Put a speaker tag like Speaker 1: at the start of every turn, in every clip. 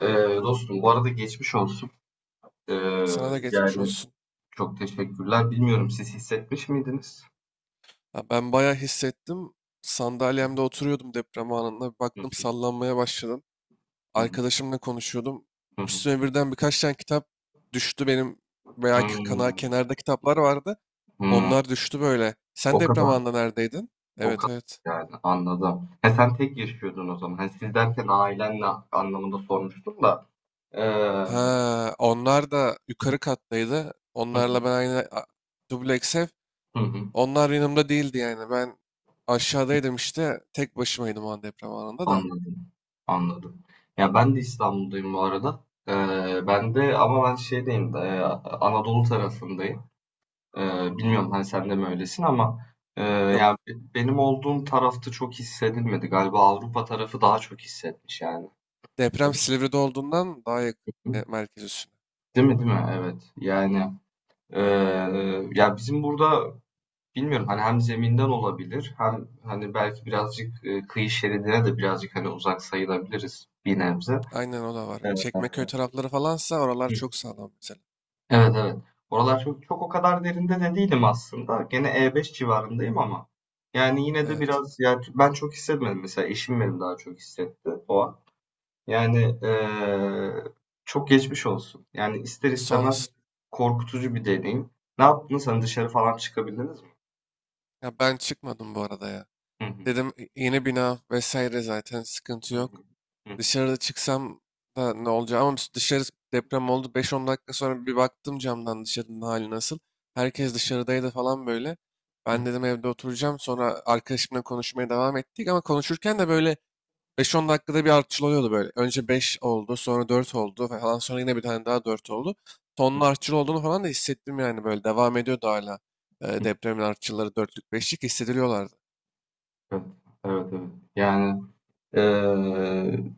Speaker 1: Ee, dostum bu arada geçmiş olsun. Ee,
Speaker 2: Sana da geçmiş
Speaker 1: yani
Speaker 2: olsun.
Speaker 1: çok teşekkürler. Bilmiyorum siz hissetmiş miydiniz?
Speaker 2: Ya ben bayağı hissettim. Sandalyemde oturuyordum deprem anında. Bir
Speaker 1: Hı,
Speaker 2: baktım sallanmaya başladım.
Speaker 1: hı,
Speaker 2: Arkadaşımla konuşuyordum.
Speaker 1: hı, hı.
Speaker 2: Üstüme birden birkaç tane kitap düştü benim. Veya kana
Speaker 1: Hmm,
Speaker 2: kenarda kitaplar vardı.
Speaker 1: hmm.
Speaker 2: Onlar düştü böyle. Sen
Speaker 1: O
Speaker 2: deprem
Speaker 1: kadar,
Speaker 2: anında neredeydin?
Speaker 1: o
Speaker 2: Evet,
Speaker 1: kadar
Speaker 2: evet.
Speaker 1: yani anladım. Ha, sen tek yaşıyordun o zaman. Hani siz derken ailenle anlamında sormuştum da. Hı,
Speaker 2: Ha, onlar da yukarı kattaydı. Onlarla
Speaker 1: hı,
Speaker 2: ben aynı dubleks ev.
Speaker 1: hı, hı.
Speaker 2: Onlar yanımda değildi yani. Ben aşağıdaydım işte. Tek başımaydım o an deprem anında da.
Speaker 1: Anladım, anladım. Ya ben de İstanbul'dayım bu arada. Ben de ama ben şeydeyim, Anadolu tarafındayım. Ee, bilmiyorum hani sen de mi öylesin ama
Speaker 2: Yok,
Speaker 1: yani benim olduğum tarafta çok hissedilmedi. Galiba Avrupa tarafı daha çok hissetmiş yani. Öyle
Speaker 2: deprem
Speaker 1: mi?
Speaker 2: Silivri'de olduğundan daha yakın merkez üstüne.
Speaker 1: Değil mi? Evet. Yani e, ya bizim burada bilmiyorum hani hem zeminden olabilir hem hani belki birazcık kıyı şeridine de birazcık hani uzak sayılabiliriz bir nebze.
Speaker 2: Aynen o da var.
Speaker 1: Evet.
Speaker 2: Çekmeköy tarafları falansa oralar çok sağlam mesela.
Speaker 1: Evet, evet. Oralar çok, çok o kadar derinde de değilim aslında. Gene E5 civarındayım ama. Yani yine de
Speaker 2: Evet.
Speaker 1: biraz yani ben çok hissetmedim. Mesela eşim benim daha çok hissetti o an. Yani çok geçmiş olsun. Yani ister
Speaker 2: Sağ
Speaker 1: istemez
Speaker 2: olasın.
Speaker 1: korkutucu bir deneyim. Ne yaptınız? Hani dışarı falan çıkabildiniz mi?
Speaker 2: Ya ben çıkmadım bu arada ya.
Speaker 1: Hı hı,
Speaker 2: Dedim Yeni bina vesaire zaten sıkıntı
Speaker 1: hı hı,
Speaker 2: yok.
Speaker 1: hı
Speaker 2: Dışarıda çıksam da ne olacak ama biz dışarı deprem oldu. 5-10 dakika sonra bir baktım camdan dışarının hali nasıl. Herkes dışarıdaydı falan böyle. Ben
Speaker 1: hı,
Speaker 2: dedim evde oturacağım. Sonra arkadaşımla konuşmaya devam ettik ama konuşurken de böyle beş 10 dakikada bir artçıl oluyordu böyle. Önce 5 oldu, sonra 4 oldu falan. Sonra yine bir tane daha 4 oldu. Tonun artçıl olduğunu falan da hissettim yani böyle. Devam ediyordu hala.
Speaker 1: hı hı.
Speaker 2: Depremin artçılları 4'lük 5'lik hissediliyorlardı.
Speaker 1: Evet, evet, evet. Yani eee,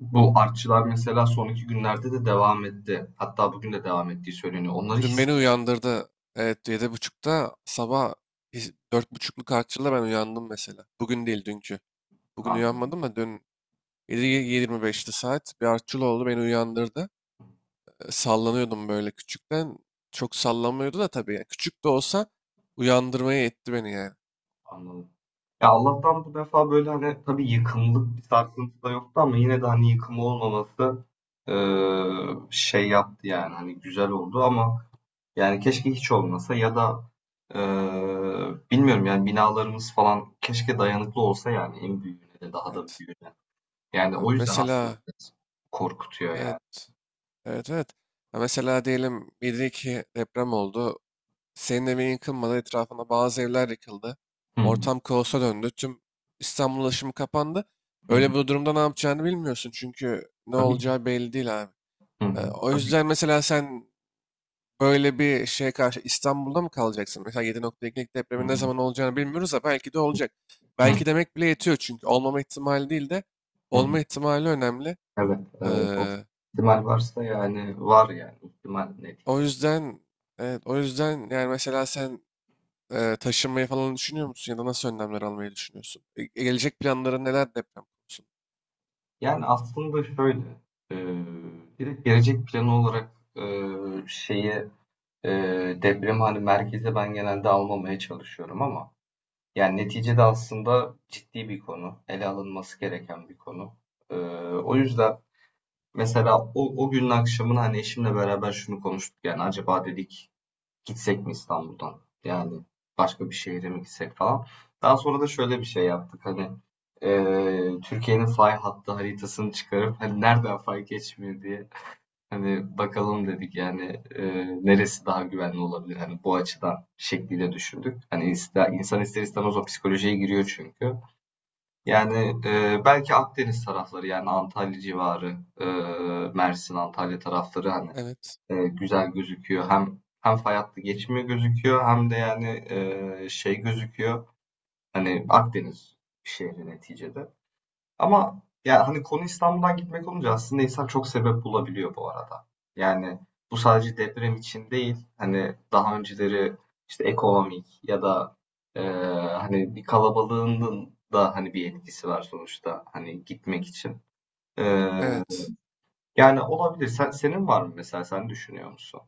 Speaker 1: bu artçılar mesela son 2 günlerde de devam etti. Hatta bugün de devam ettiği söyleniyor. Onları
Speaker 2: Dün beni uyandırdı. Evet, 7.30'da sabah 4.30'luk artçılla ben uyandım mesela. Bugün değil dünkü. Bugün
Speaker 1: anladım,
Speaker 2: uyanmadım da dün 7.25'ti saat. Bir artçıl oldu beni uyandırdı. Sallanıyordum böyle küçükten. Çok sallanmıyordu da tabii. Yani. Küçük de olsa uyandırmaya etti beni yani.
Speaker 1: anladım. Ya Allah'tan bu defa böyle hani tabii yıkımlık bir sarsıntı da yoktu ama yine de hani yıkım olmaması şey yaptı yani hani güzel oldu ama yani keşke hiç olmasa ya da eee, bilmiyorum yani binalarımız falan keşke dayanıklı olsa yani en büyüğüne de daha da
Speaker 2: Evet.
Speaker 1: büyüğüne. Yani o
Speaker 2: Abi
Speaker 1: yüzden aslında
Speaker 2: mesela
Speaker 1: biraz korkutuyor
Speaker 2: evet.
Speaker 1: yani.
Speaker 2: Evet, evet. Ya mesela diyelim 7-2 deprem oldu. Senin evin yıkılmadı. Etrafında bazı evler yıkıldı.
Speaker 1: Hı hı,
Speaker 2: Ortam kaosa döndü. Tüm İstanbul ulaşımı kapandı.
Speaker 1: hı
Speaker 2: Öyle
Speaker 1: hı.
Speaker 2: bir durumda ne yapacağını bilmiyorsun. Çünkü ne
Speaker 1: Tabii.
Speaker 2: olacağı belli değil abi.
Speaker 1: Hı hı,
Speaker 2: O
Speaker 1: tabii.
Speaker 2: yüzden mesela sen böyle bir şeye karşı İstanbul'da mı kalacaksın? Mesela 7.2'lik
Speaker 1: Hı
Speaker 2: depremin
Speaker 1: hı,
Speaker 2: ne zaman olacağını bilmiyoruz da belki de olacak. Belki demek bile yetiyor çünkü olmama ihtimali değil de
Speaker 1: hı hı.
Speaker 2: olma ihtimali önemli.
Speaker 1: Evet, evet. O
Speaker 2: Ee,
Speaker 1: ihtimal varsa yani var yani ihtimal
Speaker 2: O
Speaker 1: neticede.
Speaker 2: yüzden evet o yüzden yani mesela sen taşınmayı falan düşünüyor musun ya da nasıl önlemler almayı düşünüyorsun? Gelecek planların neler deprem konusunda?
Speaker 1: Yani aslında şöyle e, direkt gelecek planı olarak e, şeyi e, depremi hani merkeze ben genelde almamaya çalışıyorum ama yani neticede aslında ciddi bir konu. Ele alınması gereken bir konu. E, o yüzden mesela o günün akşamını hani eşimle beraber şunu konuştuk yani acaba dedik. Gitsek mi İstanbul'dan? Yani başka bir şehre mi gitsek falan. Daha sonra da şöyle bir şey yaptık hani Türkiye'nin fay hattı haritasını çıkarıp hani nereden fay geçmiyor diye hani bakalım dedik yani neresi daha güvenli olabilir hani bu açıdan şekliyle düşündük. Hani insan ister istemez o psikolojiye giriyor çünkü. Yani belki Akdeniz tarafları yani Antalya civarı, Mersin, Antalya tarafları hani
Speaker 2: Evet.
Speaker 1: güzel gözüküyor. Hem fay hattı geçimi gözüküyor hem de yani şey gözüküyor. Hani Akdeniz şehri neticede. Ama ya hani konu İstanbul'dan gitmek olunca aslında insan çok sebep bulabiliyor bu arada. Yani bu sadece deprem için değil. Hani daha önceleri işte ekonomik ya da e, hani bir kalabalığının da hani bir etkisi var sonuçta hani gitmek için. E,
Speaker 2: Evet.
Speaker 1: yani olabilir. Senin var mı mesela sen düşünüyor musun?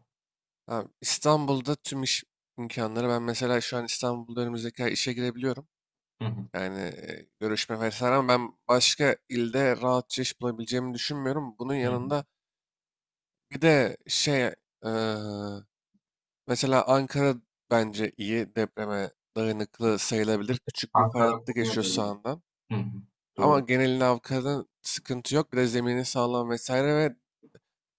Speaker 2: Abi, İstanbul'da tüm iş imkanları ben mesela şu an İstanbul'da önümüzdeki ay işe girebiliyorum.
Speaker 1: Hı hı.
Speaker 2: Yani görüşme vesaire ama ben başka ilde rahatça iş bulabileceğimi düşünmüyorum. Bunun
Speaker 1: Hı.
Speaker 2: yanında bir de şey e, mesela Ankara bence iyi depreme dayanıklı sayılabilir. Küçük bir fay
Speaker 1: Ankara
Speaker 2: hattı geçiyor
Speaker 1: Konya'da öyle.
Speaker 2: sağından.
Speaker 1: Hı hı.
Speaker 2: Ama
Speaker 1: Doğru.
Speaker 2: genelini avkadın sıkıntı yok. Bir de zemini sağlam vesaire ve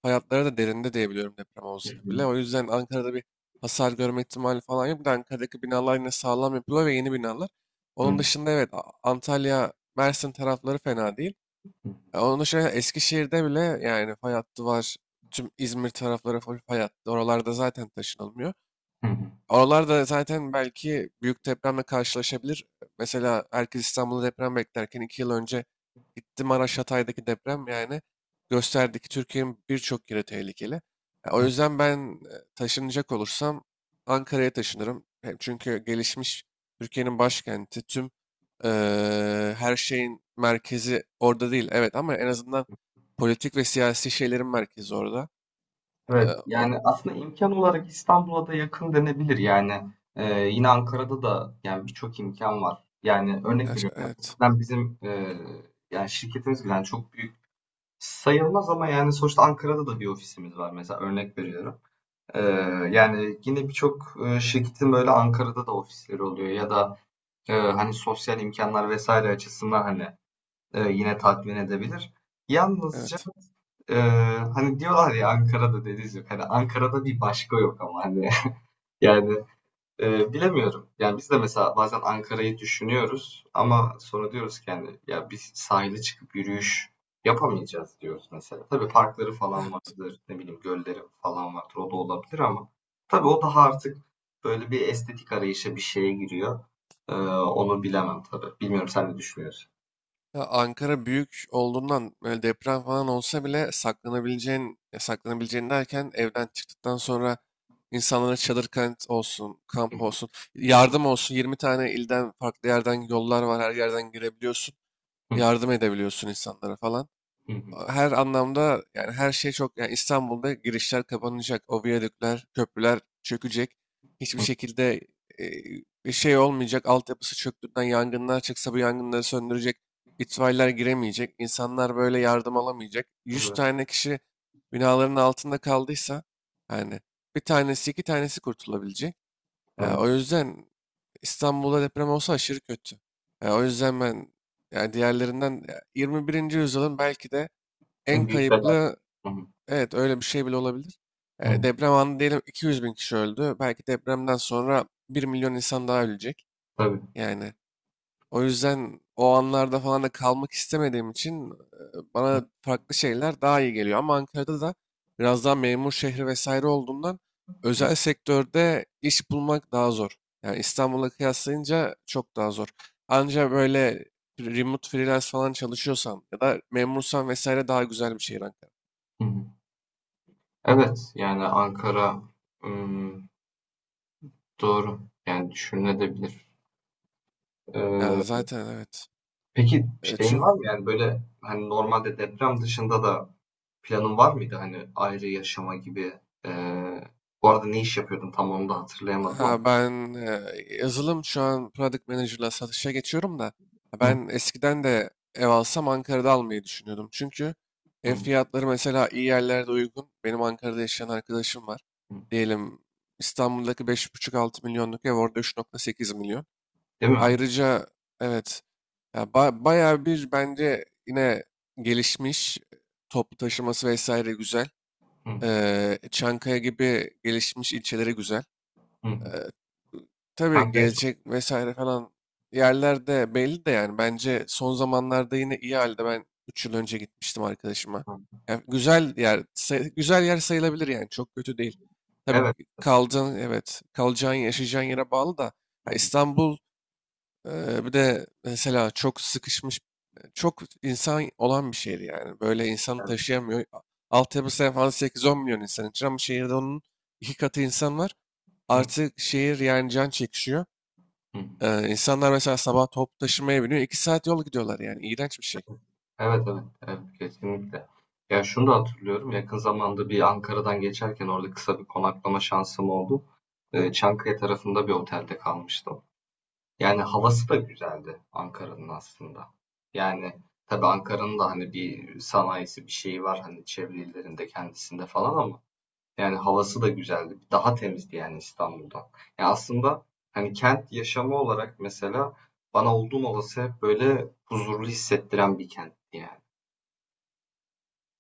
Speaker 2: hayatları da derinde diyebiliyorum deprem
Speaker 1: Hı
Speaker 2: olsa
Speaker 1: hı.
Speaker 2: bile. O yüzden Ankara'da bir hasar görme ihtimali falan yok. Bir de Ankara'daki binalar yine sağlam yapılıyor ve yeni binalar. Onun
Speaker 1: Hı
Speaker 2: dışında evet, Antalya, Mersin tarafları fena değil.
Speaker 1: hı.
Speaker 2: Onun dışında Eskişehir'de bile yani fay hattı var. Tüm İzmir tarafları full fay hattı. Oralarda zaten taşınılmıyor.
Speaker 1: Hı hı.
Speaker 2: Oralarda zaten belki büyük depremle karşılaşabilir. Mesela herkes İstanbul'da deprem beklerken 2 yıl önce gitti Maraş Hatay'daki deprem yani gösterdi ki Türkiye'nin birçok yeri tehlikeli. Ya, o yüzden ben taşınacak olursam Ankara'ya taşınırım. Hem çünkü gelişmiş Türkiye'nin başkenti tüm her şeyin merkezi orada değil. Evet ama en azından politik ve siyasi şeylerin merkezi orada.
Speaker 1: Evet,
Speaker 2: Eee, o,
Speaker 1: yani aslında imkan olarak İstanbul'a da yakın denebilir yani. Yine Ankara'da da yani birçok imkan var. Yani örnek veriyorum.
Speaker 2: evet,
Speaker 1: Ben bizim yani şirketimiz bile yani çok büyük sayılmaz ama yani sonuçta Ankara'da da bir ofisimiz var mesela örnek veriyorum. Ee, yani yine birçok şirketin böyle Ankara'da da ofisleri oluyor ya da hani sosyal imkanlar vesaire açısından hani yine tatmin edebilir. Yalnızca
Speaker 2: evet,
Speaker 1: e, hani diyorlar ya Ankara'da deniz yok. Hani Ankara'da bir başka yok ama hani yani bilemiyorum. Yani biz de mesela bazen Ankara'yı düşünüyoruz ama sonra diyoruz ki yani ya biz sahile çıkıp yürüyüş yapamayacağız diyoruz mesela. Tabii parkları falan
Speaker 2: evet.
Speaker 1: vardır, ne bileyim gölleri falan vardır. O da olabilir ama tabii o daha artık böyle bir estetik arayışa bir şeye giriyor. Onu bilemem tabii. Bilmiyorum sen ne düşünüyorsun?
Speaker 2: Ya Ankara büyük olduğundan böyle deprem falan olsa bile saklanabileceğin, ya saklanabileceğin derken evden çıktıktan sonra insanlara çadır kent olsun, kamp olsun, yardım olsun. 20 tane ilden farklı yerden yollar var, her yerden girebiliyorsun. Yardım edebiliyorsun insanlara falan her anlamda yani her şey çok yani İstanbul'da girişler kapanacak, o viyadükler, köprüler çökecek. Hiçbir şekilde e, bir şey olmayacak. Altyapısı çöktüğünden yangınlar çıksa bu yangınları söndürecek. İtfaiyeler giremeyecek. İnsanlar böyle yardım alamayacak. Yüz
Speaker 1: Evet,
Speaker 2: tane kişi binaların altında kaldıysa yani bir tanesi iki tanesi kurtulabilecek. Ya
Speaker 1: evet.
Speaker 2: o yüzden İstanbul'da deprem olsa aşırı kötü. Ya o yüzden ben yani diğerlerinden ya 21. yüzyılın belki de en
Speaker 1: En büyük felaket.
Speaker 2: kayıplı
Speaker 1: Hı hı.
Speaker 2: evet öyle bir şey bile olabilir.
Speaker 1: Hı,
Speaker 2: Deprem anı diyelim 200 bin kişi öldü. Belki depremden sonra 1 milyon insan daha ölecek.
Speaker 1: tabii.
Speaker 2: Yani o yüzden o anlarda falan da kalmak istemediğim için
Speaker 1: Hı
Speaker 2: bana farklı şeyler daha iyi geliyor. Ama Ankara'da da biraz daha memur şehri vesaire olduğundan
Speaker 1: hı.
Speaker 2: özel sektörde iş bulmak daha zor. Yani İstanbul'a kıyaslayınca çok daha zor. Anca böyle remote freelance falan çalışıyorsan ya da memursan vesaire daha güzel bir şehir Ankara.
Speaker 1: Hı hı. Evet, yani Ankara ım, doğru. Yani düşünülebilir.
Speaker 2: Ya
Speaker 1: Ee,
Speaker 2: zaten evet.
Speaker 1: peki
Speaker 2: E,
Speaker 1: şeyin
Speaker 2: çünkü
Speaker 1: var mı yani böyle hani normalde deprem dışında da planın var mıydı hani ayrı yaşama gibi? Ee, bu arada ne iş yapıyordun tam onu da hatırlayamadım ama.
Speaker 2: ben yazılım şu an Product Manager'la satışa geçiyorum da ha,
Speaker 1: Hı
Speaker 2: ben eskiden de ev alsam Ankara'da almayı düşünüyordum. Çünkü ev
Speaker 1: hı
Speaker 2: fiyatları mesela iyi yerlerde uygun. Benim Ankara'da yaşayan arkadaşım var.
Speaker 1: hı.
Speaker 2: Diyelim İstanbul'daki beş buçuk altı milyonluk ev orada 3,8 milyon.
Speaker 1: Değil mi?
Speaker 2: Ayrıca evet, ya bayağı bir bence yine gelişmiş toplu taşıması vesaire güzel.
Speaker 1: Hı
Speaker 2: Çankaya gibi gelişmiş ilçeleri güzel.
Speaker 1: hı hı.
Speaker 2: Eee, tabii
Speaker 1: Kanka
Speaker 2: gezecek vesaire falan yerlerde belli de yani bence son zamanlarda yine iyi halde ben 3 yıl önce gitmiştim arkadaşıma.
Speaker 1: çok.
Speaker 2: Yani güzel yer sayılabilir yani çok kötü değil. Tabii
Speaker 1: Evet.
Speaker 2: evet, kalacağın yaşayacağın yere bağlı da
Speaker 1: Hı
Speaker 2: ha,
Speaker 1: hı.
Speaker 2: İstanbul. Bir de mesela çok sıkışmış, çok insan olan bir şehir yani. Böyle insan
Speaker 1: Evet.
Speaker 2: taşıyamıyor. Altyapısı falan 8-10 milyon insan için ama şehirde onun iki katı insan var.
Speaker 1: Hı
Speaker 2: Artık şehir yani can çekişiyor.
Speaker 1: hı.
Speaker 2: İnsanlar mesela sabah toplu taşımaya biniyor. 2 saat yol gidiyorlar yani. İğrenç bir şey.
Speaker 1: Evet, evet, evet, kesinlikle. Ya şunu da hatırlıyorum. Yakın zamanda bir Ankara'dan geçerken orada kısa bir konaklama şansım oldu. Çankaya tarafında bir otelde kalmıştım. Yani havası da güzeldi Ankara'nın aslında. Yani tabii Ankara'nın da hani bir sanayisi bir şeyi var hani çevre illerinde kendisinde falan ama yani havası da güzeldi. Daha temizdi yani İstanbul'dan. Ya aslında hani kent yaşamı olarak mesela bana olduğum olası hep böyle huzurlu hissettiren bir kent yani.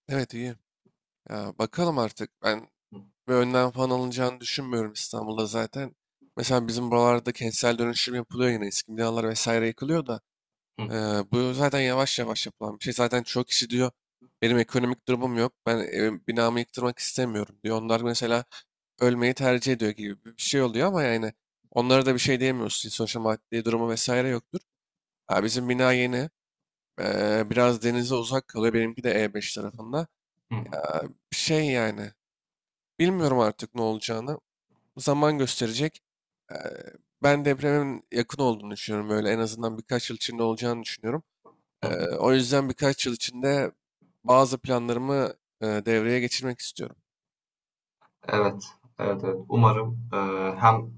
Speaker 2: Evet, iyi. Ya, bakalım artık. Ben bir önlem falan alınacağını düşünmüyorum İstanbul'da zaten. Mesela bizim buralarda kentsel dönüşüm yapılıyor yine. Eski binalar vesaire yıkılıyor da. Ee, Bu zaten yavaş yavaş yapılan bir şey. Zaten çok kişi diyor benim ekonomik durumum yok. Ben evim, binamı yıktırmak istemiyorum diyor. Onlar mesela ölmeyi tercih ediyor gibi bir şey oluyor ama yani onlara da bir şey diyemiyorsun. Sonuçta maddi durumu vesaire yoktur. Ha, bizim bina yeni. Biraz denize uzak kalıyor. Benimki de E5 tarafında.
Speaker 1: Hı hı,
Speaker 2: Ha, bir şey yani. Bilmiyorum artık ne olacağını. Zaman gösterecek. Ee, Ben depremin yakın olduğunu düşünüyorum. Böyle en azından birkaç yıl içinde olacağını düşünüyorum.
Speaker 1: hı hı.
Speaker 2: O yüzden birkaç yıl içinde bazı planlarımı devreye geçirmek istiyorum.
Speaker 1: Evet, evet, evet. Umarım hem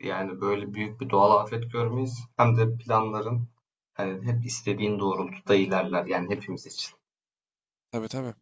Speaker 1: yani böyle büyük bir doğal afet görmeyiz hem de planların hani hep istediğin doğrultuda ilerler yani hepimiz için.
Speaker 2: Tabii tabii.